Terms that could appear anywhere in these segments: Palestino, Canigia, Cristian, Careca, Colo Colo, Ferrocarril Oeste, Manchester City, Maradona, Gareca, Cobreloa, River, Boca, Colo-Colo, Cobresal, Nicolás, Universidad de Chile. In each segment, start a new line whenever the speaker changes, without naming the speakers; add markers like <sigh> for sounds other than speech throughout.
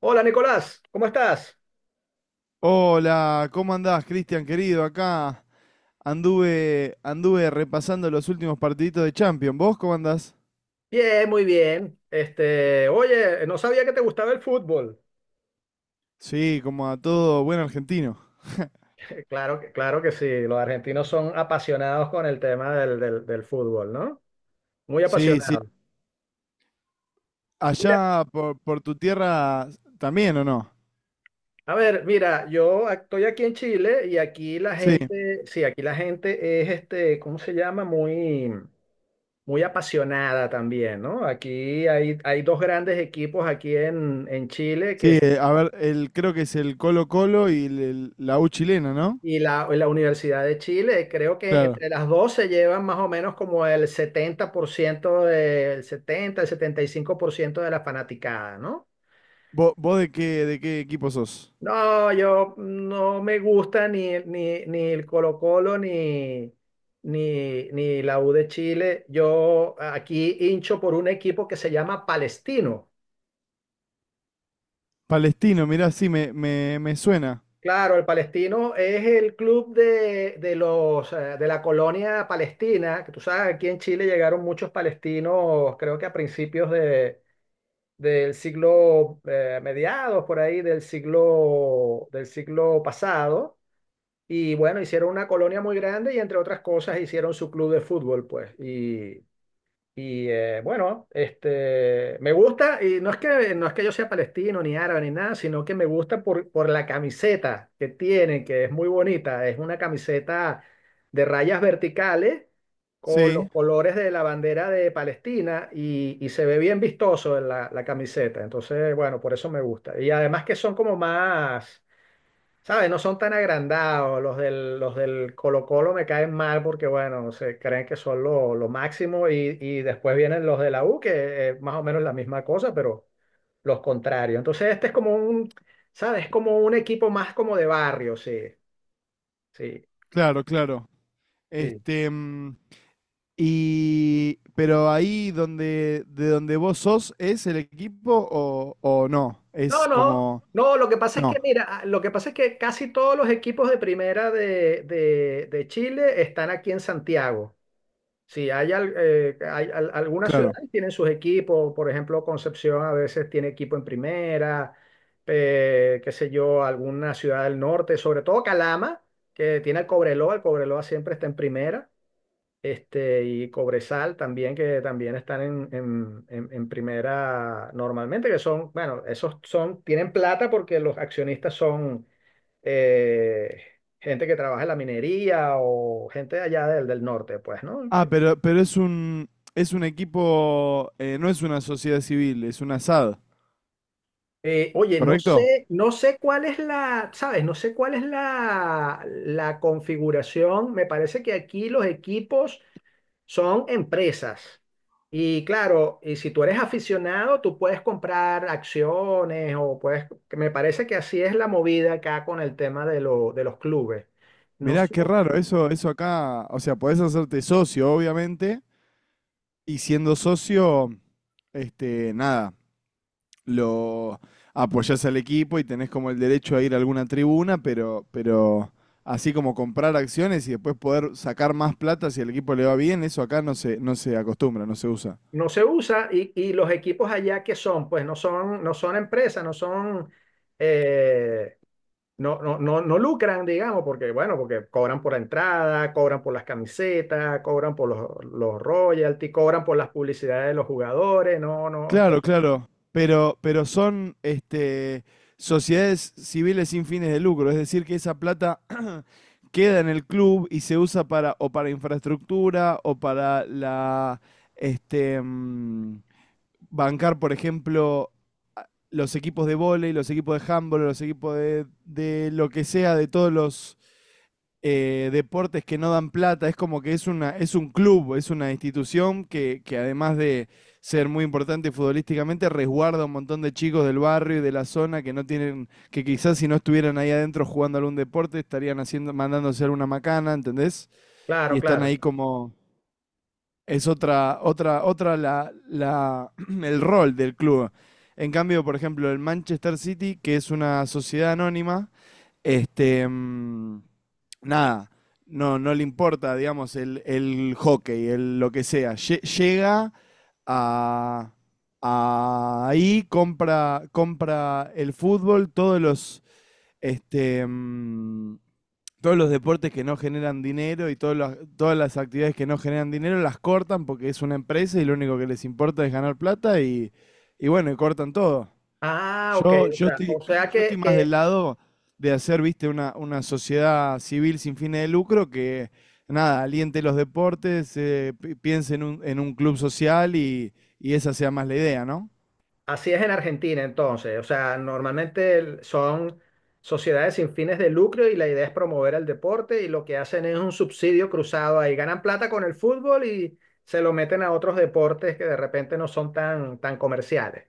Hola Nicolás, ¿cómo estás?
Hola, ¿cómo andás, Cristian, querido? Acá anduve repasando los últimos partiditos de Champions. ¿Vos cómo andás?
Bien, muy bien. Oye, no sabía que te gustaba el fútbol. <laughs>
Sí, como a todo buen argentino.
Claro que sí, los argentinos son apasionados con el tema del fútbol, ¿no? Muy
Sí, sí.
apasionados. Mira,
Allá por tu tierra también, ¿o no?
a ver, estoy aquí en Chile y aquí la
Sí,
gente, sí, aquí la gente es ¿cómo se llama? Muy, muy apasionada también, ¿no? Aquí hay dos grandes equipos aquí en Chile que...
sí. Creo que es el Colo Colo y la U chilena, ¿no?
Y la Universidad de Chile, creo que
Claro.
entre las dos se llevan más o menos como el 70% del 70 el 75% de la fanaticada, ¿no?
¿Vos de qué equipo sos?
No, yo no me gusta ni el Colo-Colo ni la U de Chile. Yo aquí hincho por un equipo que se llama Palestino.
Palestino, mirá, sí, me suena.
Claro, el Palestino es el club de la colonia palestina, que tú sabes, aquí en Chile llegaron muchos palestinos, creo que a principios del siglo, mediados por ahí del siglo pasado, y bueno, hicieron una colonia muy grande y entre otras cosas hicieron su club de fútbol, pues, y me gusta, y no es que yo sea palestino, ni árabe, ni nada, sino que me gusta por la camiseta que tiene, que es muy bonita. Es una camiseta de rayas verticales con los
Sí,
colores de la bandera de Palestina y se ve bien vistoso en la camiseta. Entonces, bueno, por eso me gusta. Y además que son como más. ¿Sabes? No son tan agrandados. Los del Colo-Colo me caen mal porque, bueno, se creen que son lo máximo y después vienen los de la U, que es más o menos la misma cosa, pero los contrarios. Entonces, este es como un... ¿Sabes? Es como un equipo más como de barrio, sí, sí,
claro, claro.
sí.
Este, mm, Y, pero ahí donde, de donde vos sos, ¿es el equipo o no?
No,
Es
no,
como,
no, lo que pasa es que,
no,
mira, lo que pasa es que casi todos los equipos de primera de Chile están aquí en Santiago. Sí, hay algunas
claro.
ciudades tienen sus equipos, por ejemplo, Concepción a veces tiene equipo en primera, qué sé yo, alguna ciudad del norte, sobre todo Calama, que tiene el Cobreloa siempre está en primera, y Cobresal también, que también están en primera normalmente, que son, bueno, esos son, tienen plata porque los accionistas son eh, gente que trabaja en la minería o gente de allá del norte, pues, ¿no?
Ah, pero es es un equipo, no es una sociedad civil, es una SAD,
Oye, no
¿correcto?
sé, no sé cuál es la... ¿Sabes? No sé cuál es la configuración. Me parece que aquí los equipos son empresas. Y claro, y si tú eres aficionado, tú puedes comprar acciones o puedes, que me parece que así es la movida acá con el tema de los clubes. No,
Mirá, qué raro, eso acá, o sea, podés hacerte socio, obviamente, y siendo socio, este, nada, lo apoyás al equipo y tenés como el derecho a ir a alguna tribuna, pero así como comprar acciones y después poder sacar más plata si al equipo le va bien, eso acá no se acostumbra, no se usa.
no se usa y los equipos allá que son, pues no son empresas, no son... eh, no, no, no, no lucran, digamos, porque, bueno, porque cobran por la entrada, cobran por las camisetas, cobran por los royalties, cobran por las publicidades de los jugadores, no, no,
Claro, claro. Pero son sociedades civiles sin fines de lucro, es decir, que esa plata <clears throat> queda en el club y se usa para o para infraestructura o para la este mm, bancar, por ejemplo, los equipos de vóley, los equipos de handball, los equipos de lo que sea, de todos los deportes que no dan plata. Es como que es un club, es una institución que además de ser muy importante futbolísticamente, resguarda un montón de chicos del barrio y de la zona que no tienen, que quizás si no estuvieran ahí adentro jugando algún deporte, estarían haciendo, mandándose alguna macana, ¿entendés?
claro,
Y están
claro.
ahí como... Es <clears throat> el rol del club. En cambio, por ejemplo, el Manchester City, que es una sociedad anónima, este, mm, nada, no le importa, digamos, el hockey, el, lo que sea. Llega a, a ahí, compra el fútbol, todos los, este, mm, todos los deportes que no generan dinero y todas las actividades que no generan dinero las cortan porque es una empresa y lo único que les importa es ganar plata y bueno, y cortan todo.
Ah, ok,
Yo,
o
yo
sea, o
estoy, <clears throat>
sea
yo
que,
estoy más del
que
lado de hacer, viste, una sociedad civil sin fines de lucro que nada, aliente los deportes, piense en en un club social y esa sea más la idea, ¿no?
así es en Argentina entonces, o sea, normalmente son sociedades sin fines de lucro y la idea es promover el deporte y lo que hacen es un subsidio cruzado ahí, ganan plata con el fútbol y se lo meten a otros deportes que de repente no son tan comerciales.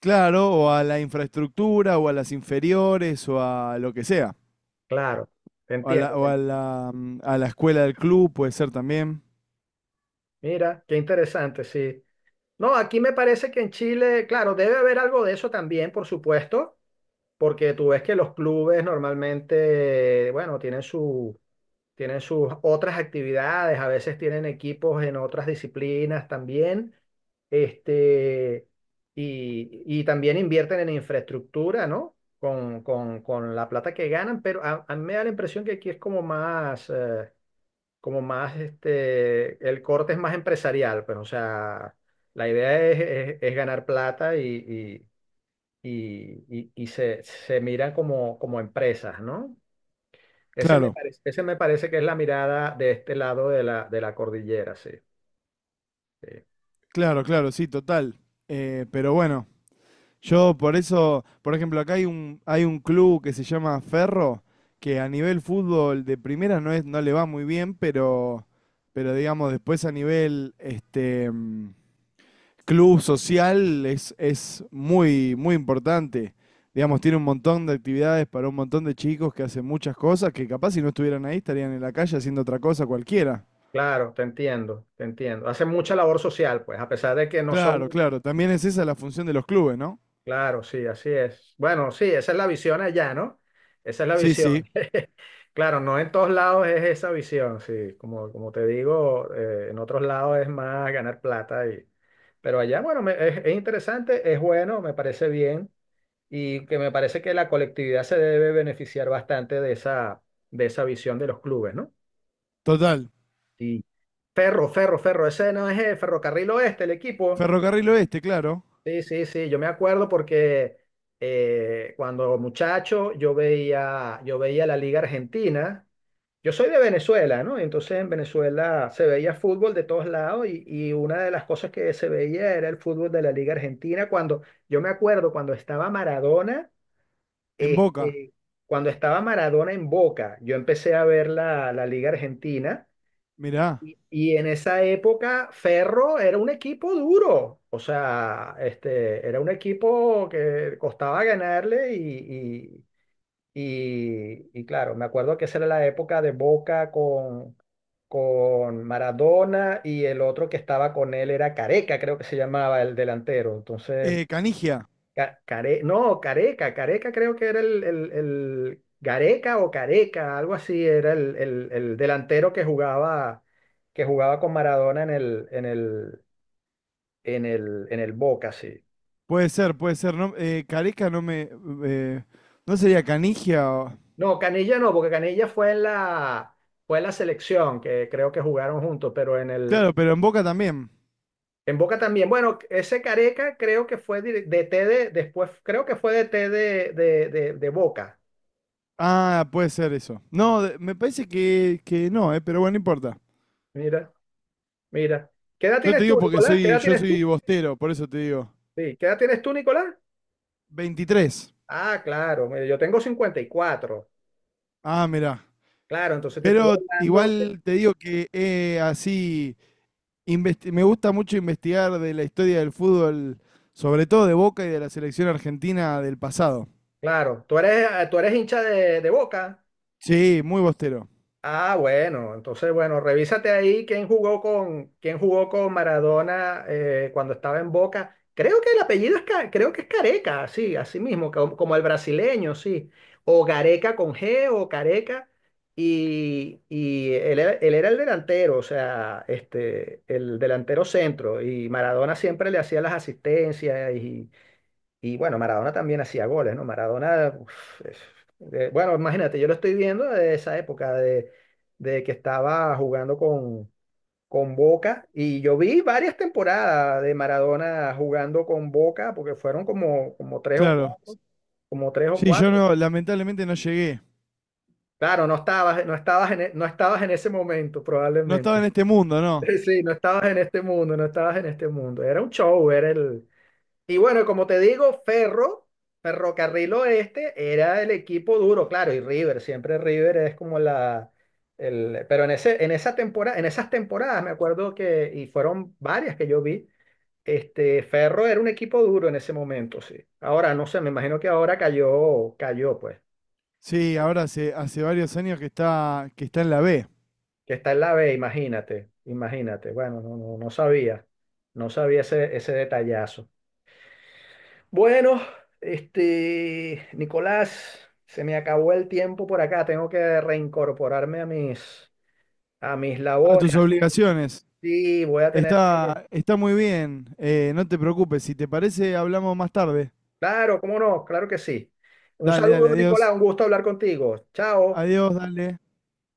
Claro, o a la infraestructura, o a las inferiores, o a lo que sea.
Claro, te
O a
entiendo.
a la escuela del club puede ser también.
Mira, qué interesante, sí. No, aquí me parece que en Chile, claro, debe haber algo de eso también, por supuesto, porque tú ves que los clubes normalmente, bueno, tienen sus otras actividades, a veces tienen equipos en otras disciplinas también, este, y también invierten en infraestructura, ¿no? Con la plata que ganan, pero a mí me da la impresión que aquí es como más, el corte es más empresarial, pues, o sea, la idea es, es ganar plata y se miran como empresas, ¿no? Ese me
Claro,
parece, ese me parece que es la mirada de este lado de la cordillera, sí. Sí.
claro, claro, sí, total. Pero bueno, yo por eso, por ejemplo, acá hay hay un club que se llama Ferro, que a nivel fútbol de primera no le va muy bien, pero digamos, después a nivel club social es muy, muy importante. Digamos, tiene un montón de actividades para un montón de chicos que hacen muchas cosas que capaz si no estuvieran ahí estarían en la calle haciendo otra cosa cualquiera.
Claro, te entiendo, te entiendo. Hacen mucha labor social, pues, a pesar de que no son...
Claro, claro. También es esa la función de los clubes, ¿no?
Claro, sí, así es. Bueno, sí, esa es la visión allá, ¿no? Esa es la
Sí,
visión.
sí,
<laughs> Claro, no en todos lados es esa visión, sí. Como te digo, en otros lados es más ganar plata y... Pero allá, bueno, es interesante, es bueno, me parece bien y que me parece que la colectividad se debe beneficiar bastante de esa visión de los clubes, ¿no?
total.
Sí. Ferro, Ferro, Ferro, ese no es el Ferrocarril Oeste, el equipo.
Ferrocarril Oeste, claro.
Sí, sí, sí, yo me acuerdo porque cuando muchacho yo veía la Liga Argentina. Yo soy de Venezuela, ¿no? Entonces en Venezuela se veía fútbol de todos lados y una de las cosas que se veía era el fútbol de la Liga Argentina. Cuando yo me acuerdo cuando estaba Maradona,
En Boca.
este, cuando estaba Maradona en Boca, yo empecé a ver la Liga Argentina
Mirá.
y en esa época, Ferro era un equipo duro. O sea, era un equipo que costaba ganarle y claro, me acuerdo que esa era la época de Boca con Maradona y el otro que estaba con él era Careca, creo que se llamaba el delantero. Entonces,
Canigia.
No, Careca, Careca creo que era Gareca o Careca, algo así, era el delantero que jugaba, con Maradona en el Boca, sí.
Puede ser, puede ser. No, Careca no me. Eh, ¿no sería Canigia? O...
No, Canilla no, porque Canilla fue en la selección, que creo que jugaron juntos, pero en el,
Claro, pero en Boca también.
en Boca también. Bueno, ese Careca creo que fue DT después, creo que fue DT de Boca.
Ah, puede ser eso. No, de- me parece que no, pero bueno, no importa.
Mira, mira. ¿Qué edad
Yo
tienes
te digo
tú,
porque
Nicolás? ¿Qué
soy,
edad
yo
tienes
soy
tú?
bostero, por eso te digo.
Sí, ¿qué edad tienes tú, Nicolás?
23.
Ah, claro, mira, yo tengo 54.
Ah, mirá.
Claro, entonces te estoy
Pero
hablando. de-
igual te digo que así investi- me gusta mucho investigar de la historia del fútbol, sobre todo de Boca y de la selección argentina del pasado.
claro, tú eres hincha de Boca.
Sí, muy bostero,
Ah, bueno, entonces bueno, revísate ahí quién jugó con Maradona cuando estaba en Boca. Creo que el apellido es creo que es Careca, sí, así mismo, como el brasileño, sí. O Gareca con G o Careca. Y él era el delantero, o sea, el delantero centro. Y Maradona siempre le hacía las asistencias y bueno, Maradona también hacía goles, ¿no? Maradona, uf, bueno, imagínate, yo lo estoy viendo de esa época de que estaba jugando con Boca y yo vi varias temporadas de Maradona jugando con Boca porque fueron como tres o
claro.
cuatro, como tres o
Sí, yo
cuatro.
no, lamentablemente no llegué.
Claro, no estabas, no estabas en ese momento
No estaba en
probablemente.
este mundo, ¿no?
<laughs> Sí, no estabas en este mundo, no estabas en este mundo. Era un show, era el... Y bueno, como te digo, Ferro, Ferrocarril Oeste, era el equipo duro, claro, y River, siempre River es como la... Pero en esa temporada, en esas temporadas me acuerdo que, y fueron varias que yo vi, Ferro era un equipo duro en ese momento, sí. Ahora, no sé, me imagino que ahora cayó, cayó, pues,
Sí, ahora hace, hace varios años que está en la B.
que está en la B, imagínate, imagínate. Bueno, no, no, no sabía ese detallazo. Bueno, Nicolás, se me acabó el tiempo por acá. Tengo que reincorporarme a mis
A
labores,
tus
así que
obligaciones.
sí, voy a tener que...
Está, está muy bien. Eh, no te preocupes. Si te parece, hablamos más tarde.
Claro, cómo no, claro que sí. Un
Dale,
saludo,
dale,
Nicolás,
adiós.
un gusto hablar contigo. Chao.
Adiós, dale.